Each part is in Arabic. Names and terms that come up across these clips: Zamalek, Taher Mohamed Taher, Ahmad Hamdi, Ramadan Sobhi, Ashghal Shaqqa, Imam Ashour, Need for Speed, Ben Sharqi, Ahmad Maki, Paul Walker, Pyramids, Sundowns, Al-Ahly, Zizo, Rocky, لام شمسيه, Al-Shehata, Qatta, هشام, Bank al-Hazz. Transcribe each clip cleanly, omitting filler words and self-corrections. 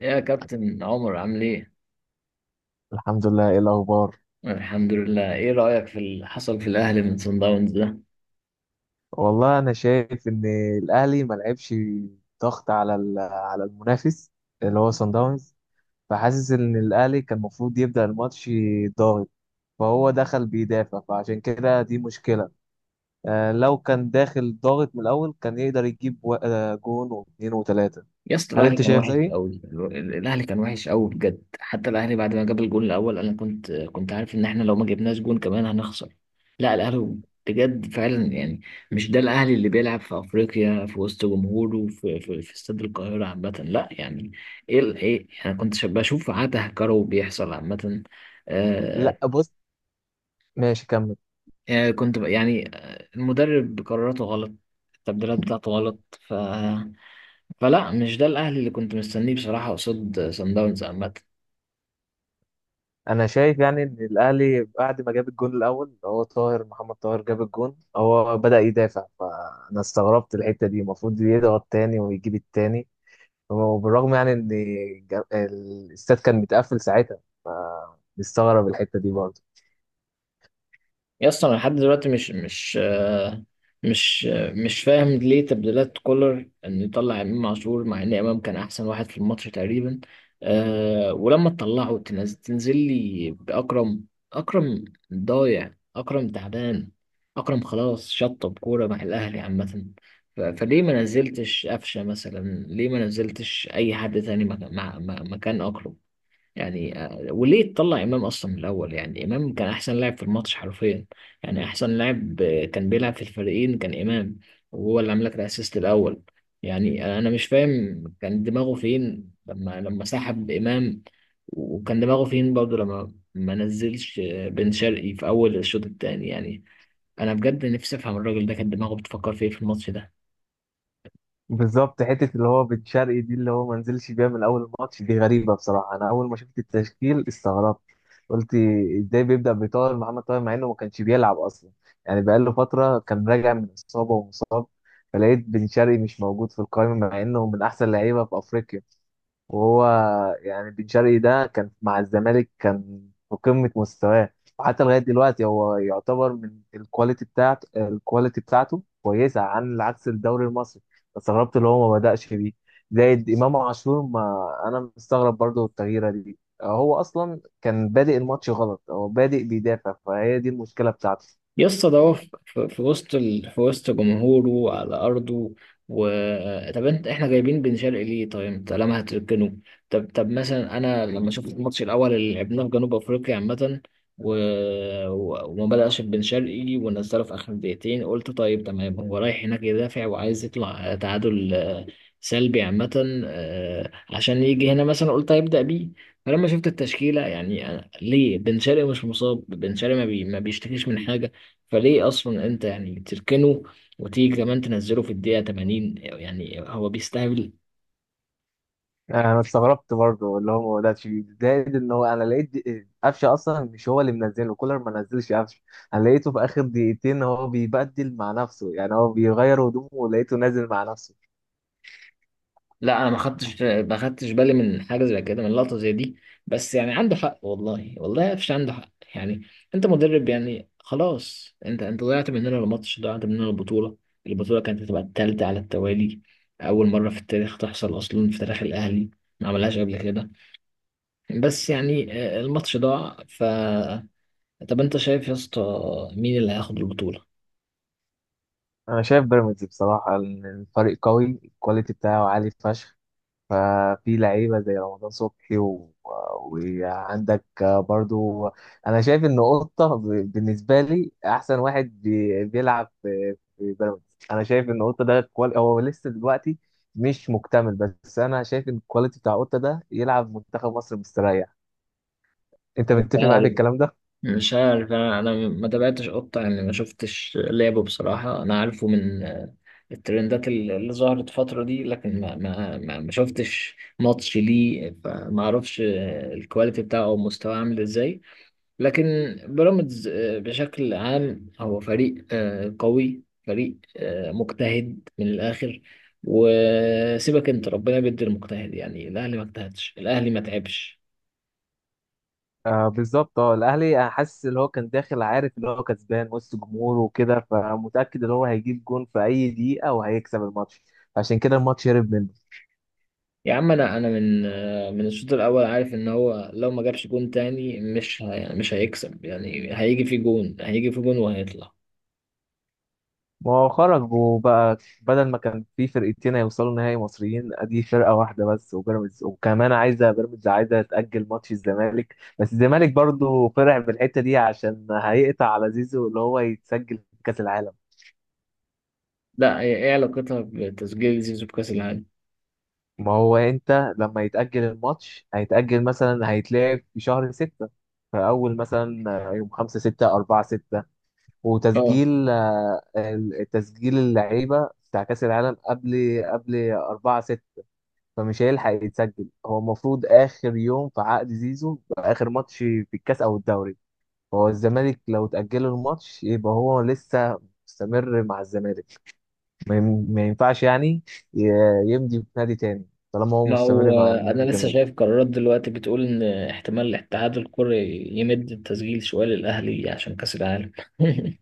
يا كابتن عمر عامل ايه؟ الحمد لله، ايه الاخبار؟ الحمد لله، ايه رأيك في اللي حصل في الأهلي من صن داونز ده؟ والله انا شايف ان الاهلي ما لعبش ضغط على المنافس اللي هو صن داونز. فحاسس ان الاهلي كان المفروض يبدا الماتش ضاغط، فهو دخل بيدافع، فعشان كده دي مشكله. لو كان داخل ضاغط من الاول كان يقدر يجيب جون واثنين وثلاثه. يا اسطى، هل الأهلي انت كان شايف وحش زيي؟ قوي. الأهلي كان وحش قوي بجد. حتى الأهلي بعد ما جاب الجون الأول، أنا كنت عارف إن إحنا لو ما جبناش جون كمان هنخسر. لا، الأهلي بجد فعلا، يعني مش ده الأهلي اللي بيلعب في أفريقيا في وسط جمهوره في استاد القاهرة عامة. لا يعني ايه أنا كنت بشوف عته كرو بيحصل عامة. آه، لا بص، ماشي كمل. يعني كنت يعني المدرب قراراته غلط، التبديلات بتاعته غلط. فلا، مش ده الاهلي اللي كنت مستنيه بصراحة قصاد سان داونز عامة. انا شايف يعني ان الاهلي بعد ما جاب الجون الاول اللي هو طاهر محمد طاهر، جاب الجون هو بدأ يدافع، فانا استغربت الحتة دي، المفروض يضغط تاني ويجيب التاني. وبالرغم يعني ان الاستاد كان متقفل ساعتها، فنستغرب الحتة دي برضه. يا اسطى، انا لحد دلوقتي مش فاهم ليه تبديلات كولر انه يطلع امام عاشور، مع ان امام كان احسن واحد في الماتش تقريبا. أه، ولما تطلعه، تنزل لي باكرم؟ اكرم ضايع، اكرم تعبان، اكرم خلاص شطب كوره مع الاهلي عامه. فليه ما نزلتش قفشه مثلا، ليه ما نزلتش اي حد تاني مكان اكرم؟ يعني وليه تطلع امام اصلا من الاول؟ يعني امام كان احسن لاعب في الماتش حرفيا. يعني احسن لاعب كان بيلعب في الفريقين كان امام، وهو اللي عمل لك الاسيست الاول. يعني انا مش فاهم كان دماغه فين لما سحب امام، وكان دماغه فين برضه لما ما نزلش بن شرقي في اول الشوط الثاني. يعني انا بجد نفسي افهم الراجل ده كان دماغه بتفكر في ايه في الماتش ده. بالظبط حته اللي هو بن شرقي دي اللي هو ما نزلش بيها من اول الماتش دي غريبه، بصراحه انا اول ما شفت التشكيل استغربت، قلت ازاي بيبدا بطاهر محمد طاهر مع انه ما كانش بيلعب اصلا، يعني بقاله فتره كان راجع من اصابه ومصاب. فلقيت بن شرقي مش موجود في القائمه مع انه من احسن لعيبه في افريقيا، وهو يعني بن شرقي ده كان مع الزمالك كان في قمة مستواه، وحتى لغاية دلوقتي هو يعتبر من الكواليتي بتاعته، الكواليتي بتاعته كويسة عن عكس الدوري المصري. استغربت اللي هو ما بدأش بيه. زائد إمام عاشور، ما أنا مستغرب برضو التغييرة دي، هو أصلا كان بادئ الماتش غلط، هو بادئ بيدافع فهي دي المشكلة بتاعته. يسطا، ده هو في وسط في وسط جمهوره على أرضه. و طب انت، احنا جايبين بن شرقي ليه؟ طيب انت لما هتركنه؟ طب مثلا، انا لما شفت الماتش الاول اللي لعبناه في جنوب افريقيا عامة، و... وما بدأش بن شرقي ونزله في اخر دقيقتين، قلت طيب تمام هو رايح هناك يدافع وعايز يطلع تعادل سلبي عامة، عشان يجي هنا مثلا، قلت هيبدأ بيه. فلما شفت التشكيلة، يعني ليه بن شرقي مش مصاب، بن شرقي ما بيشتكيش من حاجة، فليه اصلا انت يعني تركنه؟ وتيجي كمان تنزله في الدقيقه 80، يعني هو بيستهبل. انا استغربت برضه اللي هو ده شيء. زائد ان هو انا لقيت قفشه اصلا مش هو اللي منزله، كولر ما نزلش قفشه. انا لقيته في اخر دقيقتين هو بيبدل مع نفسه، يعني هو بيغير هدومه ولقيته نازل مع نفسه. لا، انا ما خدتش بالي من حاجه زي كده، من لقطه زي دي، بس يعني عنده حق، والله والله قفش عنده حق. يعني انت مدرب، يعني خلاص، انت ضيعت مننا الماتش، ضيعت مننا البطوله. البطوله كانت هتبقى الثالثه على التوالي، اول مره في التاريخ تحصل اصلا في تاريخ الاهلي، ما عملهاش قبل كده. بس يعني، الماتش ضاع. طب انت شايف يا اسطى مين اللي هياخد البطوله؟ انا شايف بيراميدز بصراحه، إن الفريق قوي، الكواليتي بتاعه عالي فشخ. ففي لعيبة زي رمضان صبحي وعندك برضو، أنا شايف إن قطة بالنسبة لي أحسن واحد بيلعب في في بيراميدز. أنا شايف إن قطة ده هو لسه دلوقتي مش مكتمل، بس أنا شايف إن الكواليتي بتاع قطة ده يلعب منتخب مصر مستريح. أنت مش متفق معايا في عارف الكلام ده؟ مش عارف انا ما تابعتش قطة، يعني ما شفتش لعبه بصراحة، انا عارفه من الترندات اللي ظهرت الفترة دي، لكن ما شفتش ماتش ليه، فما اعرفش الكواليتي بتاعه او مستواه عامل ازاي. لكن بيراميدز بشكل عام هو فريق قوي، فريق مجتهد من الاخر، وسيبك انت ربنا بيدي المجتهد. يعني الاهلي ما اجتهدش، الاهلي ما تعبش. آه بالظبط. اه الاهلي انا حاسس اللي هو كان داخل عارف اللي هو كسبان وسط جمهوره وكده، فمتاكد ان هو هيجيب جون في اي دقيقه وهيكسب الماتش، عشان كده الماتش هرب منه. يا عم، انا من الشوط الاول عارف ان هو لو ما جابش جون تاني مش يعني مش هيكسب. يعني هيجي في جون، هيجي في جون، وهيطلع. ما هو خرجوا بقى، بدل ما كان في فرقتين هيوصلوا نهائي مصريين ادي فرقه واحده بس وبيراميدز، وكمان عايزه بيراميدز عايزه تاجل ماتش الزمالك، بس الزمالك برضو فرح بالحته دي عشان هيقطع على زيزو اللي هو يتسجل في كاس العالم. لا، ايه علاقتها بتسجيل زيزو بكاس العالم؟ ما هو انت لما يتاجل الماتش هيتاجل مثلا هيتلعب في شهر ستة، فاول مثلا يوم خمسة ستة أربعة ستة. اه، وتسجيل تسجيل اللعيبة بتاع كأس العالم قبل 4، فمش هيلحق يتسجل. هو المفروض اخر يوم في عقد زيزو يبقى اخر ماتش في الكاس او الدوري، فهو الزمالك لو تأجله الماتش يبقى هو لسه مستمر مع الزمالك، ما ينفعش يعني ي- يمضي في نادي تاني طالما هو ما مستمر هو مع انا النادي لسه الزمالك. شايف قرارات دلوقتي بتقول ان احتمال الاتحاد الكوري يمد التسجيل شويه للاهلي عشان كاس العالم.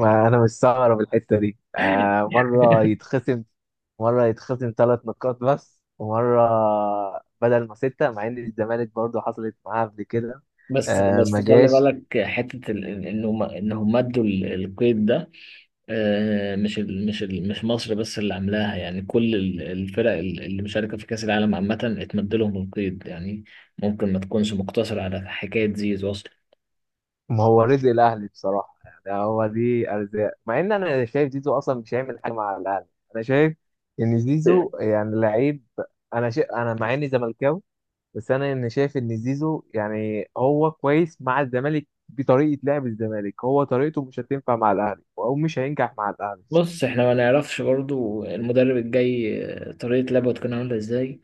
انا مستغرب الحته دي، مره يتخصم، مره يتخصم ثلاث نقاط بس، ومره بدل ما سته، مع ان الزمالك برضه حصلت معاه قبل كده. بس بس ما خلي جاش. بالك، حته ال- ال- انه ما- انهم مدوا القيد ده. مش مصر بس اللي عاملاها، يعني كل الفرق اللي مشاركة في كأس العالم عامة اتمد لهم القيد. يعني ممكن ما تكونش مقتصرة على حكاية زيزو أصلا. ما هو رزق الاهلي بصراحه، يعني هو دي ارزاق. مع ان انا شايف زيزو اصلا مش هيعمل حاجه مع الاهلي، انا شايف ان زيزو يعني لعيب. انا مع اني زملكاوي بس انا ان شايف ان زيزو يعني هو كويس مع الزمالك بطريقه لعب الزمالك، هو طريقته مش هتنفع مع الاهلي او مش هينجح مع الاهلي. بص، احنا ما نعرفش برضو المدرب الجاي طريقة لعبه هتكون عاملة ازاي،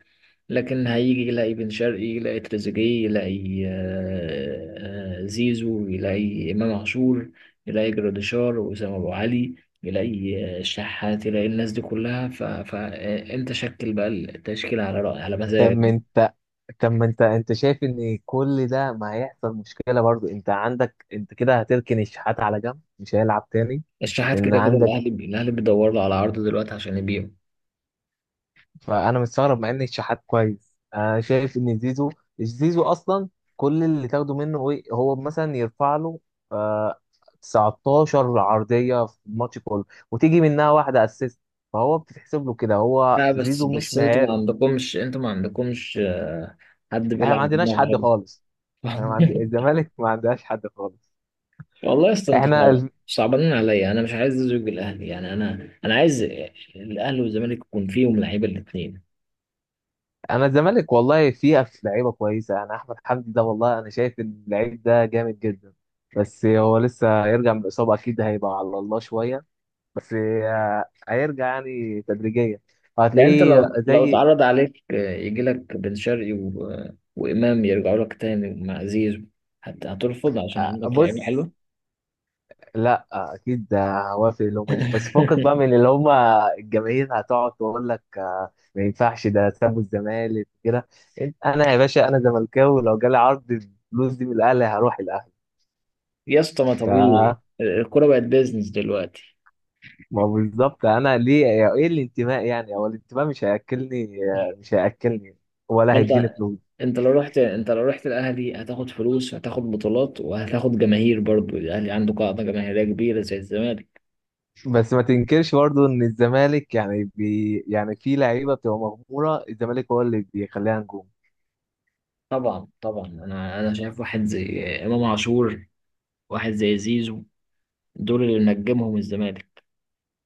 لكن هيجي يلاقي بن شرقي، يلاقي تريزيجيه، يلاقي زيزو، يلاقي إمام عاشور، يلاقي جراديشار وأسامة أبو علي، يلاقي الشحات، يلاقي الناس دي كلها، فأنت شكل بقى التشكيل على رأي على طب مزاجك. ما انت طب ما انت انت شايف ان كل ده ما هيحصل مشكله برضو؟ انت عندك انت كده هتركن الشحات على جنب مش هيلعب تاني. الشحات ان كده كده الأهلي عندك، الأهلي بيدور له على عرض دلوقتي عشان يبيعه. فانا مستغرب مع ان الشحات كويس، انا شايف ان زيزو اصلا كل اللي تاخده منه ايه، هو مثلا يرفع له آه 19 عرضيه في الماتش كله وتيجي منها واحده اسيست، فهو بتتحسب له كده. هو لا، بس زيزو مش بس انتوا ما مهاري. عندكمش انتوا ما عندكمش حد احنا بيلعب ما عندناش بدماغ. حد خالص. احنا ما عند... الزمالك ما عندهاش حد خالص. والله يا اسطى، انت احنا صعب ال... صعبانين عليا، انا مش عايز ازوج الاهلي. يعني انا عايز الاهلي والزمالك يكون فيهم لعيبه الاثنين. انا الزمالك والله فيها في لعيبه كويسه، انا احمد حمدي ده والله انا شايف إن اللعيب ده جامد جدا، بس هو لسه يرجع من الاصابه اكيد هيبقى على الله شويه، بس هيرجع يعني تدريجيا يعني انت، وهتلاقيه لو زي. اتعرض عليك يجي لك بن شرقي وامام يرجعوا لك تاني مع زيزو، هترفض عشان عندك لعيبه بص، حلوه؟ لا اكيد هوافق لهم، بس فكك بقى من اللي هم، الجماهير هتقعد تقول لك ما ينفعش ده سابوا الزمالك كده. انا يا باشا انا زملكاوي، لو جالي عرض الفلوس دي من الاهلي هروح الاهلي. يا اسطى، ما ف طبيعي الكوره بقت بيزنس دلوقتي. ما هو بالظبط. انا ليه؟ ايه الانتماء يعني؟ هو الانتماء مش هياكلني، مش هياكلني ولا ما هيديني انت فلوس. انت لو رحت انت لو رحت الاهلي، هتاخد فلوس، هتاخد بطولات، وهتاخد جماهير، برضو الاهلي عنده قاعده جماهيريه كبيره زي الزمالك. بس ما تنكرش برضو ان الزمالك يعني يعني في لعيبه بتبقى مغموره، الزمالك هو اللي بيخليها نجوم. طبعا طبعا، انا شايف واحد زي امام عاشور، واحد زي زيزو، دول اللي نجمهم الزمالك.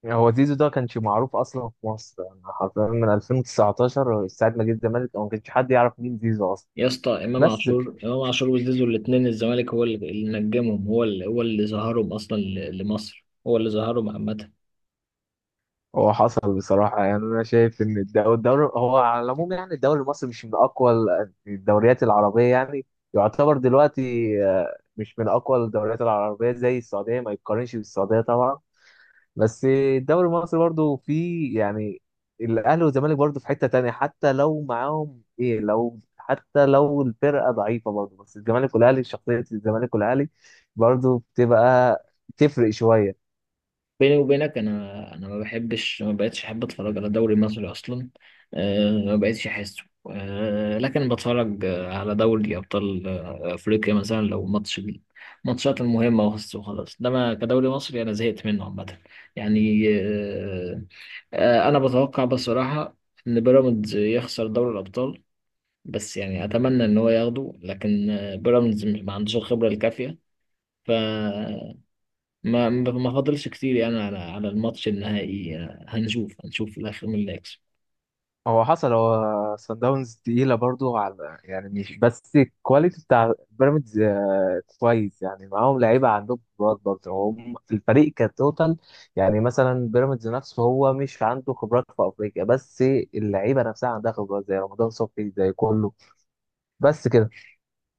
يعني هو زيزو ده كانش معروف اصلا في مصر، يعني حرفيا من 2019 ساعه ما جه الزمالك أو ما كانش حد يعرف مين زيزو اصلا. يا اسطى، امام بس عاشور امام عاشور وزيزو الاثنين، الزمالك هو اللي نجمهم، هو اللي ظهرهم اصلا لمصر، هو اللي ظهرهم عامه. هو حصل بصراحه، يعني انا شايف ان الدوري هو على العموم، يعني الدوري المصري مش من اقوى الدوريات العربيه يعني، يعتبر دلوقتي مش من اقوى الدوريات العربيه زي السعوديه، ما يتقارنش بالسعوديه طبعا. بس الدوري المصري برضو فيه يعني الاهلي والزمالك، برضو في حتة تانية، حتى لو معاهم ايه، لو حتى لو الفرقة ضعيفة برضو، بس الزمالك والاهلي شخصية الزمالك والاهلي برضو بتبقى تفرق شوية. بيني وبينك، انا ما بقتش احب اتفرج على دوري مصري اصلا. أه، ما بقتش احسه. أه لكن بتفرج على دوري ابطال افريقيا، مثلا لو ماتش ماتشات المهمه، وخلاص وخلاص. انما كدوري مصري، انا زهقت منه عامه. يعني، أه آه، انا بتوقع بصراحه ان بيراميدز يخسر دوري الابطال. بس يعني، اتمنى ان هو ياخده، لكن بيراميدز ما عندوش الخبره الكافيه. ما فاضلش كتير، يعني على الماتش النهائي هنشوف في الاخر مين اللي هيكسب. هو حصل هو سان داونز تقيلة برضو، على يعني مش بس الكواليتي بتاع بيراميدز كويس، يعني معاهم لعيبة، عندهم خبرات برضو، هم الفريق كتوتال، يعني مثلا بيراميدز نفسه هو مش عنده خبرات في أفريقيا بس، اللعيبة نفسها عندها خبرات زي رمضان صبحي زي كله. بس كده.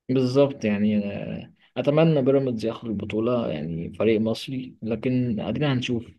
بالظبط، يعني اتمنى بيراميدز ياخد البطوله، يعني فريق مصري، لكن ادينا هنشوف.